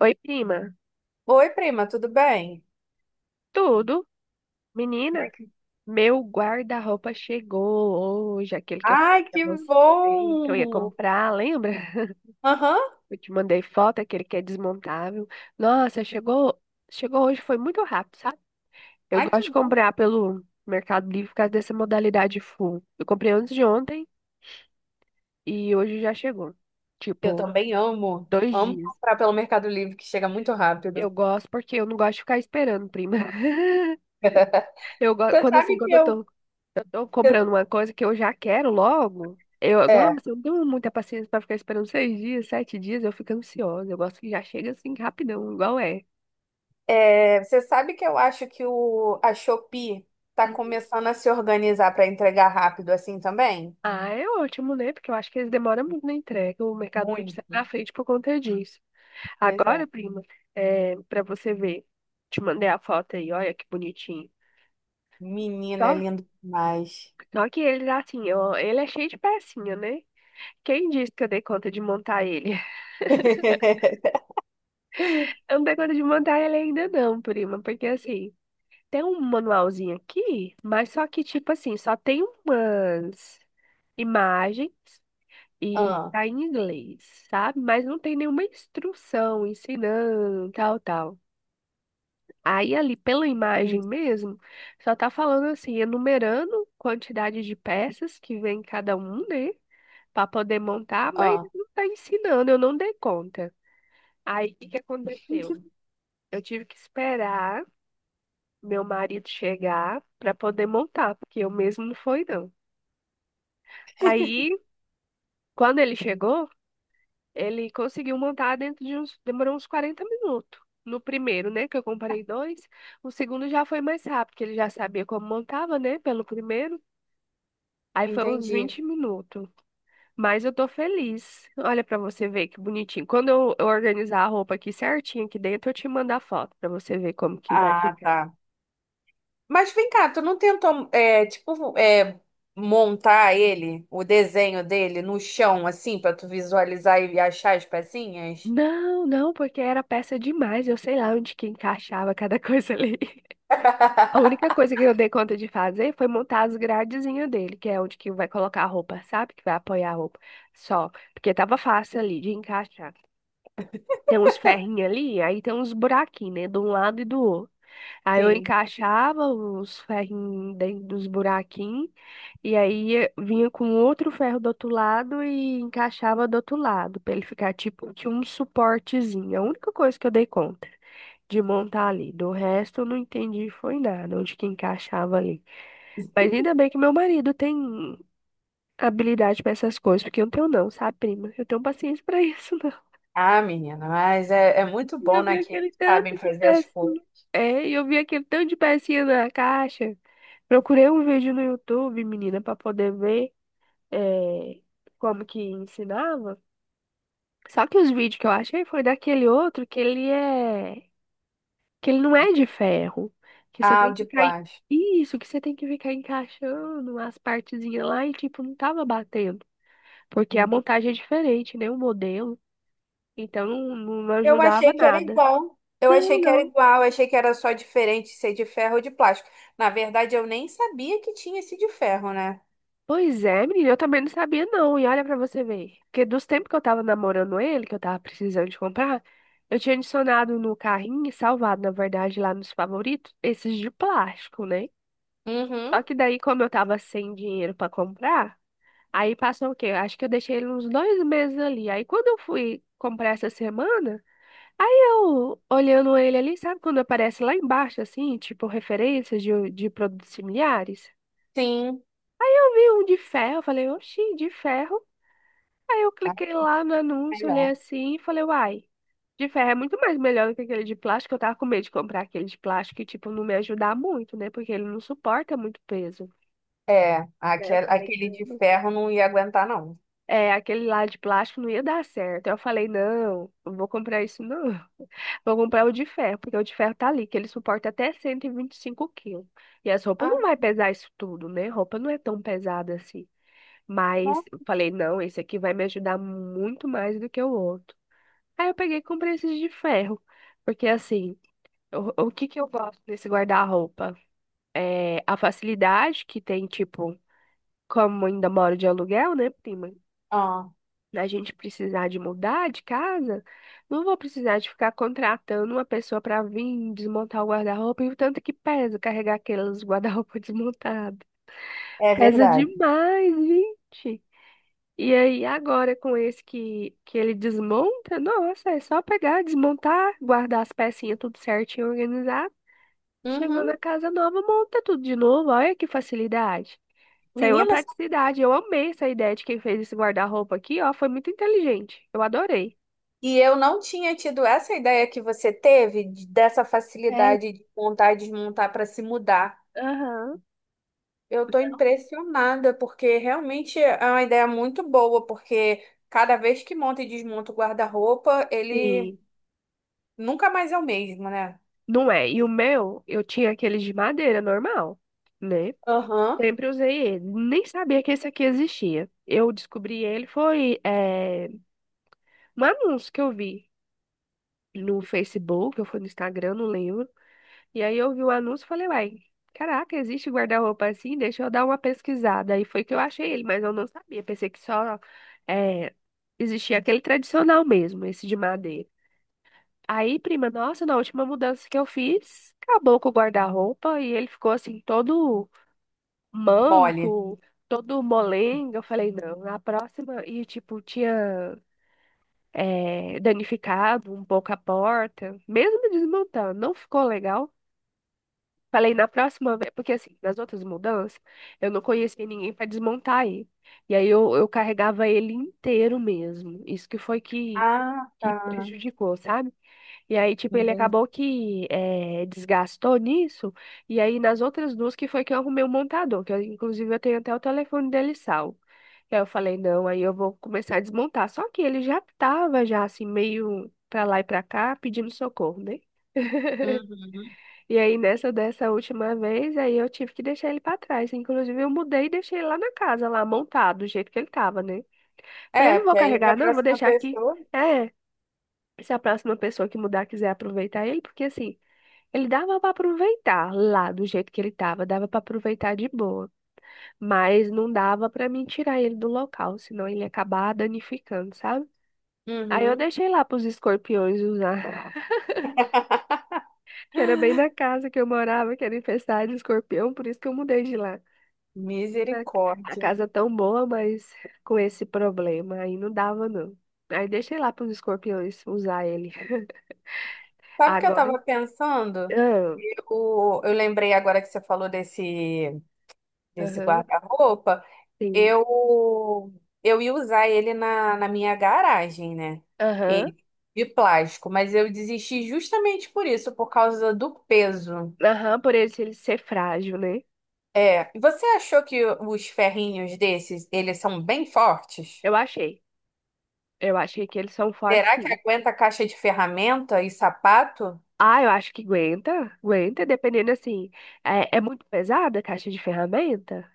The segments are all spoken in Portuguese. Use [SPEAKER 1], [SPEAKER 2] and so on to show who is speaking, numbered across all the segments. [SPEAKER 1] Oi, prima.
[SPEAKER 2] Oi, prima, tudo bem?
[SPEAKER 1] Tudo? Menina, meu guarda-roupa chegou hoje, aquele que eu
[SPEAKER 2] Ai,
[SPEAKER 1] falei pra
[SPEAKER 2] que
[SPEAKER 1] você que eu ia
[SPEAKER 2] bom!
[SPEAKER 1] comprar, lembra?
[SPEAKER 2] Aham.
[SPEAKER 1] Eu te mandei foto, aquele que é desmontável. Nossa, chegou hoje, foi muito rápido, sabe? Eu
[SPEAKER 2] Ai, que
[SPEAKER 1] gosto de
[SPEAKER 2] bom.
[SPEAKER 1] comprar pelo Mercado Livre por causa dessa modalidade full. Eu comprei antes de ontem e hoje já chegou.
[SPEAKER 2] Eu
[SPEAKER 1] Tipo,
[SPEAKER 2] também amo.
[SPEAKER 1] dois
[SPEAKER 2] Amo
[SPEAKER 1] dias.
[SPEAKER 2] comprar pelo Mercado Livre, que chega muito
[SPEAKER 1] Eu
[SPEAKER 2] rápido.
[SPEAKER 1] gosto porque eu não gosto de ficar esperando, prima. Eu gosto,
[SPEAKER 2] Você
[SPEAKER 1] quando assim,
[SPEAKER 2] sabe que
[SPEAKER 1] quando eu
[SPEAKER 2] eu.
[SPEAKER 1] tô Eu tô comprando uma coisa que eu já quero logo. Eu,
[SPEAKER 2] É,
[SPEAKER 1] nossa, eu não tenho muita paciência pra ficar esperando 6 dias, 7 dias, eu fico ansiosa. Eu gosto que já chega assim rapidão, igual é.
[SPEAKER 2] você sabe que eu acho que a Shopee tá começando a se organizar para entregar rápido assim também?
[SPEAKER 1] Ah, é ótimo, né? Porque eu acho que eles demoram muito na entrega. O Mercado Livre sai
[SPEAKER 2] Muito.
[SPEAKER 1] na frente por conta disso.
[SPEAKER 2] Pois
[SPEAKER 1] Agora,
[SPEAKER 2] é.
[SPEAKER 1] prima, para você ver, te mandei a foto aí, olha que bonitinho.
[SPEAKER 2] Menina, é
[SPEAKER 1] Só,
[SPEAKER 2] lindo demais.
[SPEAKER 1] só que ele, assim, ó, ele é cheio de pecinha, né? Quem disse que eu dei conta de montar ele? Eu não dei conta de montar ele ainda não, prima, porque assim, tem um manualzinho aqui, mas só que, tipo assim, só tem umas imagens e
[SPEAKER 2] Ah,
[SPEAKER 1] tá em inglês, sabe? Mas não tem nenhuma instrução ensinando, tal, tal. Aí ali pela imagem
[SPEAKER 2] en-
[SPEAKER 1] mesmo, só tá falando assim, enumerando quantidade de peças que vem em cada um, né? Pra poder montar, mas
[SPEAKER 2] ah,
[SPEAKER 1] não tá ensinando, eu não dei conta. Aí o que que aconteceu? Eu tive que esperar meu marido chegar pra poder montar, porque eu mesmo não fui, não. Aí, quando ele chegou, ele conseguiu montar dentro de uns, demorou uns 40 minutos. No primeiro, né, que eu comprei dois, o segundo já foi mais rápido, porque ele já sabia como montava, né, pelo primeiro. Aí foi uns
[SPEAKER 2] entendi.
[SPEAKER 1] 20 minutos. Mas eu tô feliz. Olha pra você ver que bonitinho. Quando eu organizar a roupa aqui certinho aqui dentro, eu te mando a foto pra você ver como que vai
[SPEAKER 2] Ah,
[SPEAKER 1] ficar.
[SPEAKER 2] tá. Mas vem cá, tu não tentou, tipo, montar ele, o desenho dele no chão, assim, pra tu visualizar e achar as pecinhas?
[SPEAKER 1] Não, não, porque era peça demais. Eu sei lá onde que encaixava cada coisa ali. A única coisa que eu dei conta de fazer foi montar as gradezinhas dele, que é onde que vai colocar a roupa, sabe? Que vai apoiar a roupa. Só. Porque tava fácil ali de encaixar. Tem uns ferrinhos ali, aí tem uns buraquinhos, né? De um lado e do outro. Aí eu
[SPEAKER 2] Sim.
[SPEAKER 1] encaixava os ferrinhos dentro dos buraquinhos, e aí vinha com outro ferro do outro lado e encaixava do outro lado, pra ele ficar tipo de um suportezinho. É a única coisa que eu dei conta de montar ali. Do resto, eu não entendi foi nada, onde que encaixava ali. Mas ainda bem que meu marido tem habilidade pra essas coisas, porque eu não tenho não, sabe, prima? Eu tenho paciência pra isso, não.
[SPEAKER 2] Ah, menina, mas é muito
[SPEAKER 1] E
[SPEAKER 2] bom,
[SPEAKER 1] eu vi
[SPEAKER 2] né, que eles
[SPEAKER 1] aquele tanto
[SPEAKER 2] sabem
[SPEAKER 1] de
[SPEAKER 2] fazer as coisas.
[SPEAKER 1] pecinha. É, e eu vi aquele tanto de pecinha na caixa. Procurei um vídeo no YouTube, menina, pra poder ver é, como que ensinava. Só que os vídeos que eu achei foi daquele outro que ele é, que ele não é de ferro, que você
[SPEAKER 2] Ah, o
[SPEAKER 1] tem que
[SPEAKER 2] de
[SPEAKER 1] ficar
[SPEAKER 2] plástico.
[SPEAKER 1] isso, que você tem que ficar encaixando as partezinhas lá e tipo não tava batendo. Porque a
[SPEAKER 2] Hum.
[SPEAKER 1] montagem é diferente, né? O modelo. Então não, não
[SPEAKER 2] Eu
[SPEAKER 1] ajudava
[SPEAKER 2] achei que era
[SPEAKER 1] nada.
[SPEAKER 2] igual. Eu achei
[SPEAKER 1] Não,
[SPEAKER 2] que era
[SPEAKER 1] não.
[SPEAKER 2] igual, eu achei que era só diferente ser de ferro ou de plástico. Na verdade, eu nem sabia que tinha esse de ferro, né?
[SPEAKER 1] Pois é, menina, eu também não sabia não. E olha pra você ver. Porque dos tempos que eu tava namorando ele, que eu tava precisando de comprar, eu tinha adicionado no carrinho, salvado, na verdade, lá nos favoritos, esses de plástico, né? Só
[SPEAKER 2] Uhum,
[SPEAKER 1] que daí, como eu tava sem dinheiro pra comprar, aí passou o quê? Acho que eu deixei ele uns 2 meses ali. Aí quando eu fui comprar essa semana, aí eu, olhando ele ali, sabe quando aparece lá embaixo, assim, tipo, referências de produtos similares?
[SPEAKER 2] sim.
[SPEAKER 1] Eu vi um de ferro, falei, oxi, de ferro. Aí eu
[SPEAKER 2] Ah,
[SPEAKER 1] cliquei lá no anúncio, olhei
[SPEAKER 2] melhor.
[SPEAKER 1] assim e falei, uai, de ferro é muito mais melhor do que aquele de plástico. Eu tava com medo de comprar aquele de plástico e, tipo, não me ajudar muito, né? Porque ele não suporta muito peso.
[SPEAKER 2] É,
[SPEAKER 1] Daí eu falei,
[SPEAKER 2] aquele de
[SPEAKER 1] não.
[SPEAKER 2] ferro não ia aguentar, não.
[SPEAKER 1] É, aquele lá de plástico não ia dar certo. Aí eu falei, não, não vou comprar isso não. Vou comprar o de ferro, porque o de ferro tá ali, que ele suporta até cento e vinte e cinco quilos. E as roupas não
[SPEAKER 2] Ah,
[SPEAKER 1] vai pesar isso tudo, né? Roupa não é tão pesada assim. Mas
[SPEAKER 2] não?
[SPEAKER 1] eu falei, não, esse aqui vai me ajudar muito mais do que o outro. Aí eu peguei e comprei esses de ferro. Porque assim, o que que eu gosto desse guarda-roupa? É a facilidade que tem, tipo, como ainda moro de aluguel, né, prima?
[SPEAKER 2] Ah,
[SPEAKER 1] Da gente precisar de mudar de casa, não vou precisar de ficar contratando uma pessoa para vir desmontar o guarda-roupa e o tanto que pesa carregar aqueles guarda-roupa desmontado.
[SPEAKER 2] é
[SPEAKER 1] Pesa
[SPEAKER 2] verdade.
[SPEAKER 1] demais, gente. E aí, agora com esse que ele desmonta, nossa, é só pegar, desmontar, guardar as pecinhas tudo certinho, organizar. Chegou na
[SPEAKER 2] Uhum.
[SPEAKER 1] casa nova, monta tudo de novo. Olha que facilidade. Isso aí é uma
[SPEAKER 2] Meninas,
[SPEAKER 1] praticidade. Eu amei essa ideia de quem fez esse guarda-roupa aqui, ó. Foi muito inteligente. Eu adorei.
[SPEAKER 2] e eu não tinha tido essa ideia que você teve de- dessa
[SPEAKER 1] É,
[SPEAKER 2] facilidade de montar e desmontar para se mudar.
[SPEAKER 1] aham,
[SPEAKER 2] Eu estou impressionada, porque realmente é uma ideia muito boa, porque cada vez que monta e desmonta o guarda-roupa, ele
[SPEAKER 1] sim.
[SPEAKER 2] nunca mais é o mesmo, né?
[SPEAKER 1] Não é. E o meu, eu tinha aqueles de madeira normal, né?
[SPEAKER 2] Aham.
[SPEAKER 1] Sempre usei ele. Nem sabia que esse aqui existia. Eu descobri ele foi um anúncio que eu vi no Facebook, eu fui no Instagram, não lembro. E aí eu vi o anúncio e falei, uai, caraca, existe guarda-roupa assim? Deixa eu dar uma pesquisada. Aí foi que eu achei ele, mas eu não sabia. Pensei que só é, existia aquele tradicional mesmo, esse de madeira. Aí, prima, nossa, na última mudança que eu fiz, acabou com o guarda-roupa e ele ficou assim, todo
[SPEAKER 2] Mole.
[SPEAKER 1] manco, todo molenga. Eu falei, não, na próxima. E, tipo, tinha danificado um pouco a porta, mesmo desmontando, não ficou legal. Falei, na próxima vez, porque assim, nas outras mudanças, eu não conhecia ninguém para desmontar aí. E aí eu carregava ele inteiro mesmo. Isso que foi que,
[SPEAKER 2] Ah,
[SPEAKER 1] que
[SPEAKER 2] tá.
[SPEAKER 1] prejudicou, sabe? E aí, tipo, ele
[SPEAKER 2] Entendi.
[SPEAKER 1] acabou que desgastou nisso. E aí, nas outras duas, que foi que eu arrumei o montador, que eu, inclusive eu tenho até o telefone dele salvo. E aí eu falei, não, aí eu vou começar a desmontar. Só que ele já tava, já assim, meio pra lá e pra cá, pedindo socorro, né?
[SPEAKER 2] Uhum.
[SPEAKER 1] E aí, nessa dessa última vez, aí eu tive que deixar ele pra trás. Inclusive, eu mudei e deixei ele lá na casa, lá montado, do jeito que ele tava, né? Falei, eu
[SPEAKER 2] É,
[SPEAKER 1] não vou
[SPEAKER 2] porque aí a
[SPEAKER 1] carregar, não, vou
[SPEAKER 2] próxima
[SPEAKER 1] deixar aqui.
[SPEAKER 2] pessoa.
[SPEAKER 1] É. Se a próxima pessoa que mudar quiser aproveitar ele, porque assim. Ele dava para aproveitar lá do jeito que ele tava, dava para aproveitar de boa, mas não dava para mim tirar ele do local, senão ele ia acabar danificando, sabe? Aí eu
[SPEAKER 2] Uhum.
[SPEAKER 1] deixei lá pros escorpiões usar, que era bem na casa que eu morava, que era infestada de escorpião, por isso que eu mudei de lá. A a
[SPEAKER 2] Misericórdia.
[SPEAKER 1] casa tão boa, mas com esse problema, aí não dava não. Aí deixei lá pros escorpiões usar ele.
[SPEAKER 2] Sabe o que eu
[SPEAKER 1] Agora,
[SPEAKER 2] estava pensando?
[SPEAKER 1] ah,
[SPEAKER 2] Eu lembrei agora que você falou desse
[SPEAKER 1] aham,
[SPEAKER 2] guarda-roupa.
[SPEAKER 1] sim,
[SPEAKER 2] Eu, eu ia usar ele na minha garagem, né?
[SPEAKER 1] aham.
[SPEAKER 2] E, de plástico, mas eu desisti justamente por isso, por causa do peso.
[SPEAKER 1] Aham, por ele ser frágil, né?
[SPEAKER 2] É, você achou que os ferrinhos desses, eles são bem fortes?
[SPEAKER 1] Eu achei. Eu achei que eles são fortes,
[SPEAKER 2] Será que
[SPEAKER 1] sim.
[SPEAKER 2] aguenta caixa de ferramenta e sapato?
[SPEAKER 1] Ah, eu acho que aguenta. Aguenta, dependendo assim. É, é muito pesada a caixa de ferramenta.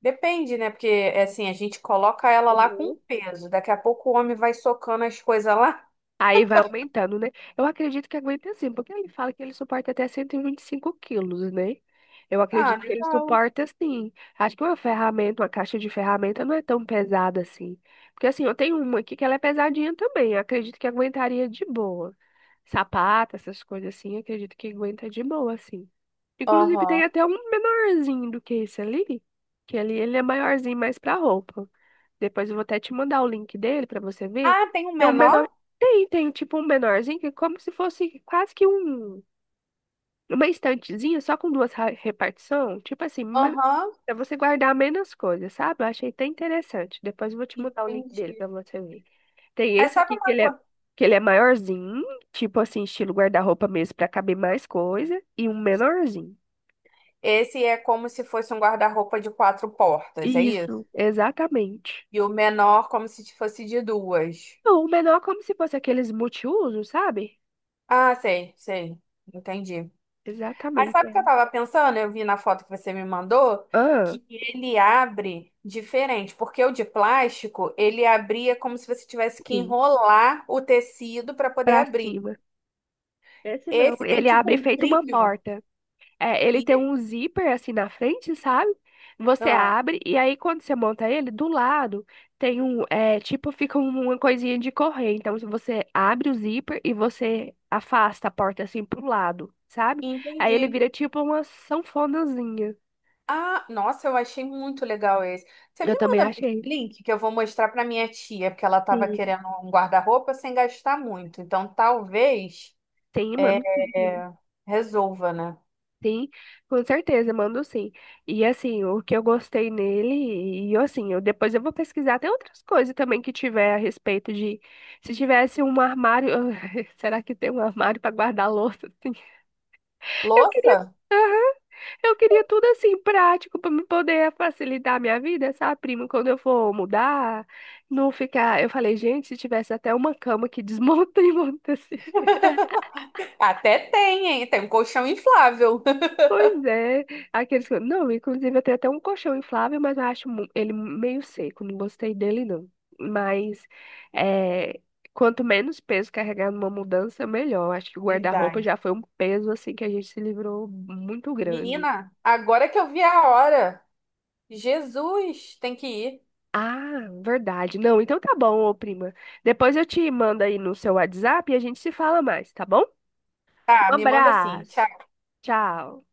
[SPEAKER 2] Depende, né? Porque, é assim, a gente coloca ela lá com
[SPEAKER 1] Uhum.
[SPEAKER 2] peso. Daqui a pouco o homem vai socando as coisas lá.
[SPEAKER 1] Aí vai aumentando, né? Eu acredito que aguenta sim, porque ele fala que ele suporta até 125 quilos, né? Eu
[SPEAKER 2] Ah,
[SPEAKER 1] acredito que ele
[SPEAKER 2] legal.
[SPEAKER 1] suporta sim. Acho que uma ferramenta, uma caixa de ferramenta não é tão pesada assim. Porque assim, eu tenho uma aqui que ela é pesadinha também. Eu acredito que aguentaria de boa. Sapato, essas coisas assim, eu acredito que aguenta de boa, assim. Inclusive, tem
[SPEAKER 2] Aham.
[SPEAKER 1] até um menorzinho do que esse ali, que ali ele é maiorzinho mais pra roupa. Depois eu vou até te mandar o link dele pra você ver.
[SPEAKER 2] Ah, tem um
[SPEAKER 1] Tem um menor,
[SPEAKER 2] menor?
[SPEAKER 1] tem tipo um menorzinho que é como se fosse quase que um uma estantezinha só com duas repartição, tipo assim,
[SPEAKER 2] Aham.
[SPEAKER 1] pra você guardar menos coisas, sabe? Eu achei até interessante. Depois eu vou te mandar o link
[SPEAKER 2] Entendi.
[SPEAKER 1] dele pra você ver. Tem
[SPEAKER 2] Mas
[SPEAKER 1] esse
[SPEAKER 2] sabe
[SPEAKER 1] aqui
[SPEAKER 2] uma coisa?
[SPEAKER 1] que ele é maiorzinho, tipo assim, estilo guarda-roupa mesmo, pra caber mais coisa, e um menorzinho.
[SPEAKER 2] Esse é como se fosse um guarda-roupa de quatro portas, é isso?
[SPEAKER 1] Isso, exatamente.
[SPEAKER 2] E o menor como se fosse de duas.
[SPEAKER 1] Não, o menor é como se fosse aqueles multiuso sabe?
[SPEAKER 2] Ah, sei, sei. Entendi. Aí
[SPEAKER 1] Exatamente.
[SPEAKER 2] sabe o
[SPEAKER 1] É.
[SPEAKER 2] que eu tava pensando? Eu vi na foto que você me mandou
[SPEAKER 1] Ah,
[SPEAKER 2] que ele abre diferente, porque o de plástico, ele abria como se você tivesse que
[SPEAKER 1] sim,
[SPEAKER 2] enrolar o tecido para poder
[SPEAKER 1] pra
[SPEAKER 2] abrir.
[SPEAKER 1] cima. Esse não,
[SPEAKER 2] Esse tem
[SPEAKER 1] ele
[SPEAKER 2] tipo
[SPEAKER 1] abre
[SPEAKER 2] um
[SPEAKER 1] feito uma
[SPEAKER 2] trilho
[SPEAKER 1] porta. É, ele
[SPEAKER 2] e
[SPEAKER 1] tem um zíper assim na frente, sabe? Você
[SPEAKER 2] ah,
[SPEAKER 1] abre e aí quando você monta ele, do lado tem um, é, tipo, fica uma coisinha de correr. Então, se você abre o zíper e você afasta a porta assim pro lado, sabe? Aí ele
[SPEAKER 2] entendi.
[SPEAKER 1] vira tipo uma sanfonazinha.
[SPEAKER 2] Ah, nossa, eu achei muito legal esse. Você me
[SPEAKER 1] Eu também
[SPEAKER 2] manda
[SPEAKER 1] achei.
[SPEAKER 2] link que eu vou mostrar para minha tia, porque ela tava
[SPEAKER 1] Sim.
[SPEAKER 2] querendo um guarda-roupa sem gastar muito. Então talvez
[SPEAKER 1] Sim, mano.
[SPEAKER 2] é, resolva, né?
[SPEAKER 1] Sim, com certeza, mando sim. E assim, o que eu gostei nele, e assim, eu depois eu vou pesquisar até outras coisas também que tiver a respeito de se tivesse um armário, será que tem um armário para guardar louça assim? Eu queria,
[SPEAKER 2] Louça?
[SPEAKER 1] aham, eu queria tudo assim prático para me poder facilitar a minha vida, sabe, primo, quando eu for mudar, não ficar, eu falei, gente, se tivesse até uma cama que desmonta e monta assim.
[SPEAKER 2] Até tem, hein? Tem um colchão inflável.
[SPEAKER 1] Pois é, aqueles que... Não, inclusive eu tenho até um colchão inflável, mas eu acho ele meio seco, não gostei dele não. Mas é, quanto menos peso carregar numa mudança, melhor. Acho que o guarda-roupa
[SPEAKER 2] Verdade.
[SPEAKER 1] já foi um peso assim que a gente se livrou muito grande.
[SPEAKER 2] Menina, agora que eu vi a hora, Jesus, tem que ir.
[SPEAKER 1] Ah, verdade. Não, então tá bom, ô prima. Depois eu te mando aí no seu WhatsApp e a gente se fala mais, tá bom?
[SPEAKER 2] Tá,
[SPEAKER 1] Um
[SPEAKER 2] me manda assim.
[SPEAKER 1] abraço.
[SPEAKER 2] Tchau.
[SPEAKER 1] Tchau.